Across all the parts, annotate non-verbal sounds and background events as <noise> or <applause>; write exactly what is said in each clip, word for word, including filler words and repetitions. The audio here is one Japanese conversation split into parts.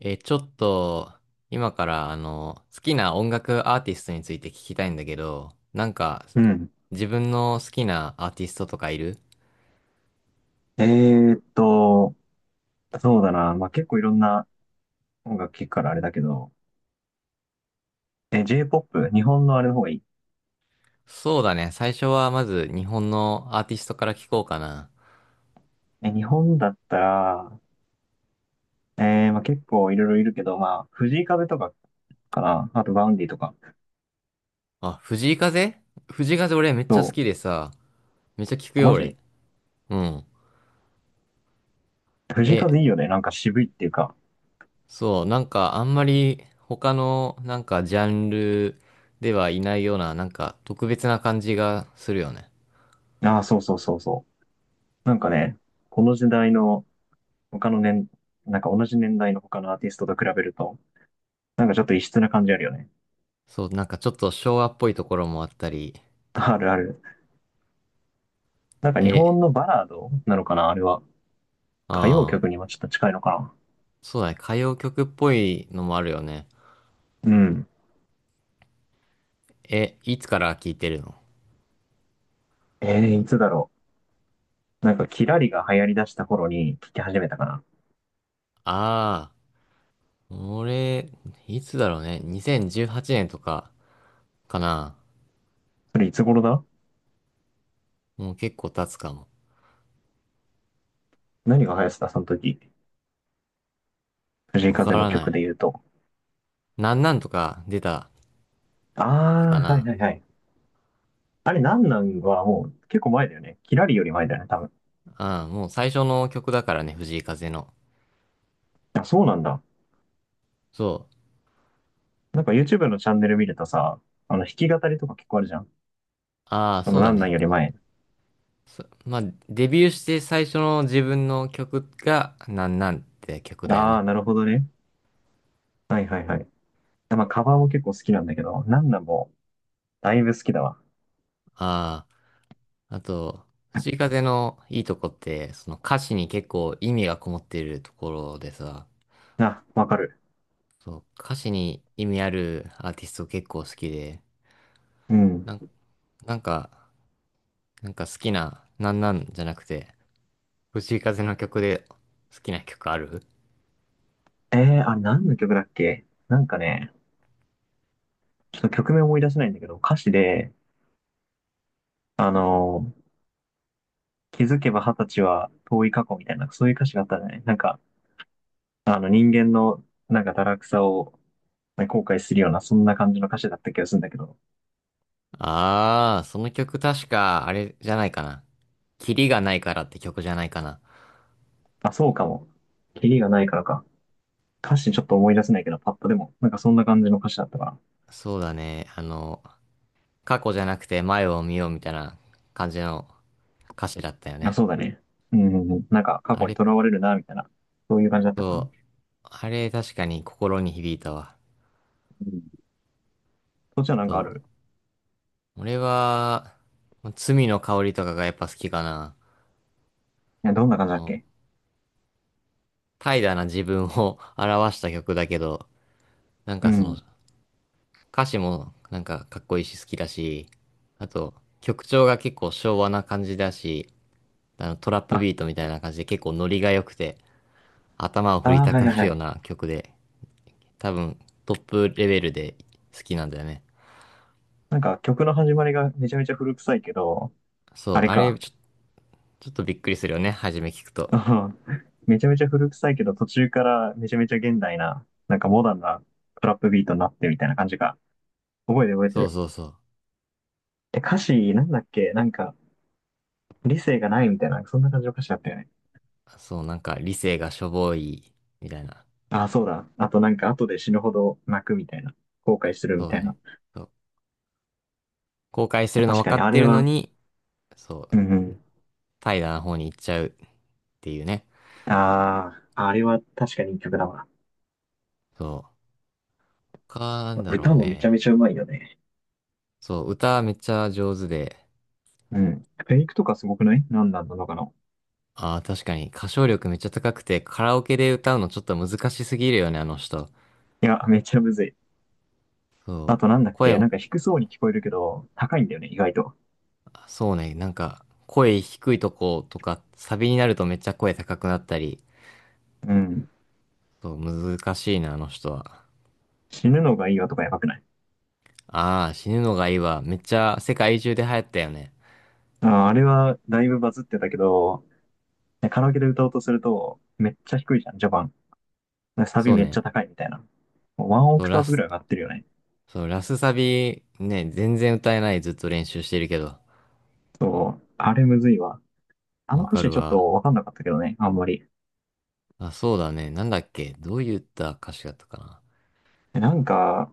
えー、ちょっと、今から、あの、好きな音楽アーティストについて聞きたいんだけど、なんか、うん。自分の好きなアーティストとかいる？えーっと、そうだな。まあ、結構いろんな音楽聴くからあれだけど、え、J-ジェーポップ、日本のあれの方がいい。そうだね。最初はまず日本のアーティストから聞こうかな。え、日本だったら、えー、まあ、結構いろいろいるけど、まあ、藤井風とかかな。あと、バウンディとか。あ、藤井風。藤井風俺めっちそゃ好きでさ、めっちゃ聞くう。よマ俺。ジうん。藤井え、風いいよね。なんか渋いっていうか。そう、なんかあんまり他のなんかジャンルではいないような、なんか特別な感じがするよね。ああ、そうそうそうそう。なんかね、この時代の他の年、なんか同じ年代の他のアーティストと比べると、なんかちょっと異質な感じあるよね。そう、なんかちょっと昭和っぽいところもあったり、あるある。なんか日え、本のバラードなのかな、あれは。歌謡あ曲あ、にもちょっと近いのかそうだね。歌謡曲っぽいのもあるよね。な。うん。え、いつから聴いてるの？えー、いつだろう。なんか、キラリが流行り出した頃に聴き始めたかな。ああ、俺、いつだろうね。にせんじゅうはちねんとかかな。それいつ頃だ？もう結構経つかも。何が流行ってたその時。藤井わか風のらな曲い。で言うと。なんなんとか出たあ時かあ、はいな。はいはい。あれ、なんなんはもう結構前だよね。キラリより前だよね、多分。ああ、もう最初の曲だからね、藤井風の。あ、そうなんだ。そう。なんか YouTube のチャンネル見るとさ、あの、弾き語りとか結構あるじゃん。ああ、そそのうだなんなんね。より前。そまあ、デビューして最初の自分の曲が、なんなんって曲だよあね。あ、なるほどね。はいはいはい。まあ、カバーも結構好きなんだけど、なんなんもだいぶ好きだわ。ああ。あと、藤井風のいいとこって、その歌詞に結構意味がこもっているところでさ、あ、わかる。そう、歌詞に意味あるアーティスト結構好きで、うん。なん、なんか、なんか好きな、なんなんじゃなくて、藤井風の曲で好きな曲ある？えー、あれ何の曲だっけ、なんかね、ちょっと曲名思い出せないんだけど、歌詞で、あのー気づけば二十歳は遠い過去みたいな、そういう歌詞があったじゃないなんか、あの人間のなんか堕落さを、ね、後悔するような、そんな感じの歌詞だった気がするんだけど、ああー、その曲確か、あれじゃないかな。キリがないからって曲じゃないかな。あ、そうかも。キリがないからか。歌詞ちょっと思い出せないけど、パッとでも、なんかそんな感じの歌詞だったかそうだね、あの、過去じゃなくて前を見ようみたいな感じの歌詞だったよら。あ、ね。そうだね。うん、なんか過あ去にれ囚われるな、みたいな、そういう感じだったかな。あれ、確かに心に響いたわ。うん。そっちはなんそかあう。る？俺は、罪の香りとかがやっぱ好きかな。いや、どんな感じこだっの、け？怠惰な自分を <laughs> 表した曲だけど、なんうかその、ん。歌詞もなんかかっこいいし好きだし、あと、曲調が結構昭和な感じだし、あの、トラップビートみたいな感じで結構ノリが良くて、頭を振りああ、たはくいはないはるようい。な曲で、多分トップレベルで好きなんだよね。なんか曲の始まりがめちゃめちゃ古臭いけど、そあう、れあか。れちょ、ちょっとびっくりするよね、初め聞くうと。ん <laughs> めちゃめちゃ古臭いけど、途中からめちゃめちゃ現代な、なんかモダンなトラップビートになってみたいな感じか。覚えてる覚えてそうる。そうそう。で、歌詞なんだっけなんか、理性がないみたいな、そんな感じの歌詞だったよね。そう、なんか理性がしょぼい、みたいな。ああ、そうだ。あとなんか、後で死ぬほど泣くみたいな。後悔するみそうただいね。な。そう。後悔するの確分かかに、っあてれるのは、に、そうう、ん、怠惰な方に行っちゃうっていうね。ああ、あれは確かにいい曲だわ。そう。か、なんだろう歌もめちゃめね。ちゃうまいよね。そう、歌めっちゃ上手で、うん。フェイクとかすごくない？何なんなのかな。ああ、確かに歌唱力めっちゃ高くて、カラオケで歌うのちょっと難しすぎるよね、あの人。いや、めっちゃむずい。そあう。となんだっけ声、なんか低そうに聞こえるけど、高いんだよね、意外と。そうね、なんか、声低いとことか、サビになるとめっちゃ声高くなったり、うん。そう、難しいな、あの人は。死ぬのがいいわとかやばくない？ああ、死ぬのがいいわ。めっちゃ世界中で流行ったよね。あー、あれはだいぶバズってたけど、ねカラオケで歌おうとすると、めっちゃ低いじゃん、序盤。サビそうめっちね。ゃ高いみたいな。ワンオそう、クタラーブぐス、らい上がってるよね。そう、ラスサビね、全然歌えない。ずっと練習してるけど。そう。あれむずいわ。あのわ歌か詞るちょっわ。とわかんなかったけどね、あんまり。あ、そうだね。なんだっけ。どういった歌詞だったかな。なんか、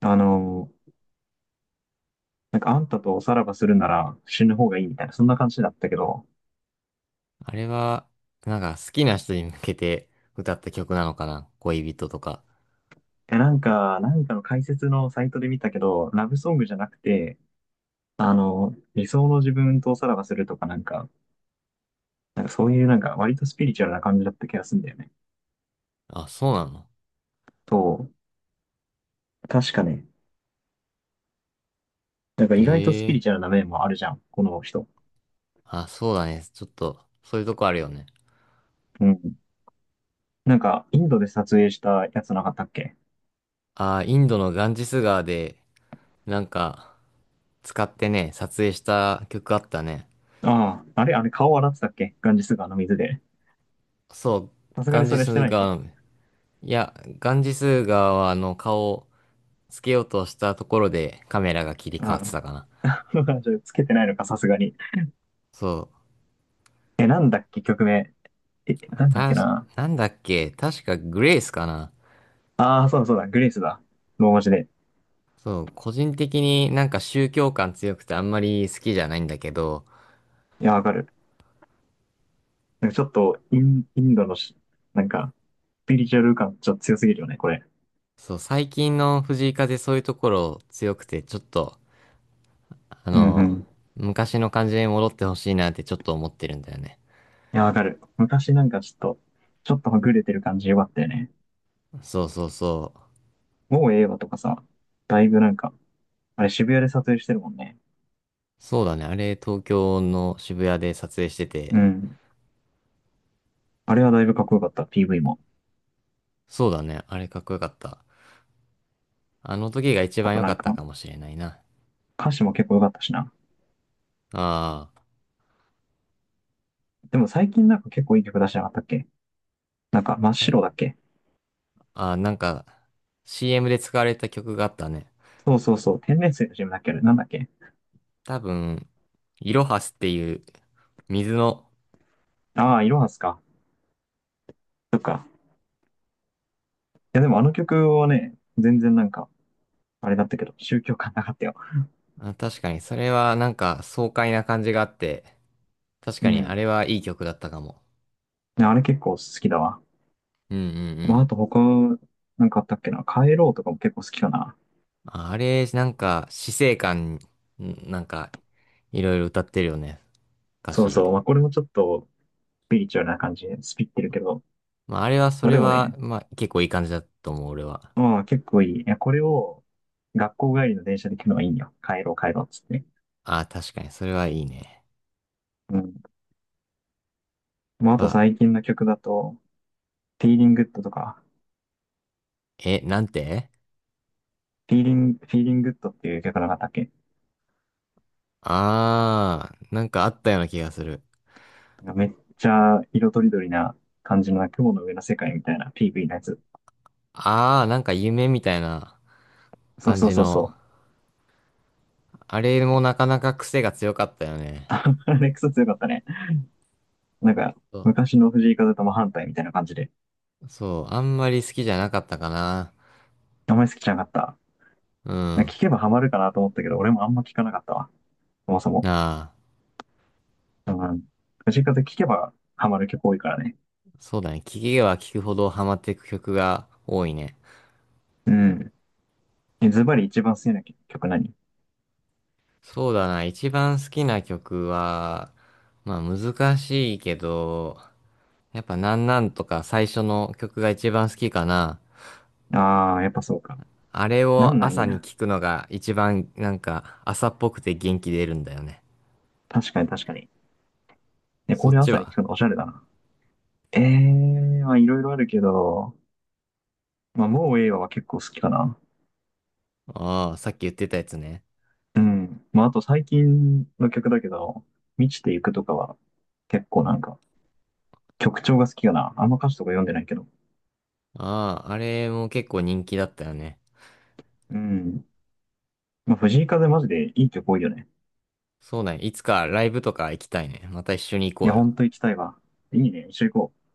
あの、なんかあんたとおさらばするなら死ぬ方がいいみたいな、そんな感じだったけど、あれは、なんか好きな人に向けて歌った曲なのかな。恋人とか。え、なんか、何かの解説のサイトで見たけど、ラブソングじゃなくて、あの、理想の自分とおさらばするとかなんか、なんかそういうなんか割とスピリチュアルな感じだった気がするんだよね。あ、そうなの。そう。確かね。なんかへ意外とスピリえ。チュアルな面もあるじゃん、この人。あ、そうだね。ちょっと、そういうとこあるよね。うん。なんか、インドで撮影したやつなかったっけ？ああ、インドのガンジス川で、なんか、使ってね、撮影した曲あったね。ああ、あれ、あれ顔洗ってたっけ、ガンジス川の水で。そう、さすがガにンそジれしてスないっけ？川の海、いや、ガンジス川はあの顔をつけようとしたところでカメラが切り替わっあてたかな。あ。<laughs> じゃあつけてないのか、さすがに。そえ、なんだっけ、曲名。え、う、なんだったけし、な。なんだっけ、確かグレイスかな。ああ、そうだそうだ、グレイスだ。ローマ字で。そう、個人的になんか宗教感強くてあんまり好きじゃないんだけど、いや、わかる。なんかちょっとイン、インドのし、なんか、スピリチュアル感ちょっと強すぎるよね、これ。そう、最近の藤井風そういうところ強くてちょっと、あうんうの、ん。昔の感じに戻ってほしいなってちょっと思ってるんだよね。いや、わかる。昔なんかちょっと、ちょっとはぐれてる感じよかったよね。そうそうそう。もうええわとかさ、だいぶなんか、あれ渋谷で撮影してるもんね。そうだね。あれ、東京の渋谷で撮影してて、うん。あれはだいぶかっこよかった、ピーブイ も。そうだね。あれかっこよかった。あの時が一あ番と良なかんったか、かもしれないな。歌詞も結構よかったしな。あでも最近なんか結構いい曲出してなかったっけ？なんか真っあ。はい。白だっけ？あー、なんか、シーエム で使われた曲があったね。そうそうそう、天然水の c ムだっけ、あれなんだっけ？多分、イロハスっていう水の、ああー、いろはすか。そっか。いや、でもあの曲はね、全然なんか、あれだったけど、宗教感なかったよ。あ、確かにそれはなんか爽快な感じがあって、確うかにあれん。はいい曲だったかも。ね、あれ結構好きだわ。うんうんうまあ、あん。と他、なんかあったっけな。帰ろうとかも結構好きかな。ああれ、なんか死生観、んなんか、いろいろ歌ってるよね。歌そうそ詞。う。まあ、これもちょっと、スピリチュアルな感じで、スピってるけど。まああれはそまあ、れでもは、ね、まあ結構いい感じだと思う、俺は。まあ、結構いい。いや、これを、学校帰りの電車で聞くのがいいんよ。帰ろう、帰ろう、っつって。あ、確かに、それはいいね。うん。まあ、あとあ、最近の曲だと、フィーリングッドとか、え、なんて？フィーリング、フィーリングッドっていう曲なかったっけ？あー、なんかあったような気がする。なんかめっちゃ色とりどりな感じの雲の上の世界みたいな ピーブイ のやつ。あー、なんか夢みたいなそう感そうじそうの。そう。あれもなかなか癖が強かったよね。<laughs> あれクソ強かったね。なんか、そ昔の藤井風とも反対みたいな感じで。う、そうあんまり好きじゃなかったかな。あんまり好きじゃなかった。うなんん。か聞けばハマるかなと思ったけど、俺もあんま聞かなかったわ。そもそも。なあ、うん。藤井風聞けばハマる曲多いからね。そうだね。聴けば聴くほどハマっていく曲が多いね。うん。ズバリ一番好きな曲何？そうだな、一番好きな曲は、まあ難しいけど、やっぱなんなんとか最初の曲が一番好きかな。ああ、やっぱそうか。あれなをんなんいい朝にな。聞くのが一番なんか朝っぽくて元気出るんだよね。確かに確かに。ね、そこっれち朝に聞は？くのおしゃれだな。ええ、まあいろいろあるけど、まあもうええわは結構好きかな。ああ、さっき言ってたやつね。うん。まああと最近の曲だけど、満ちていくとかは結構なんか曲調が好きかな。あんま歌詞とか読んでないけど。ああ、あれも結構人気だったよね。うん。まあ、藤井風マジでいい曲多いよね。そうだね。いつかライブとか行きたいね。また一緒に行いこや、うほよ。んと行きたいわ。いいね。一緒行こう。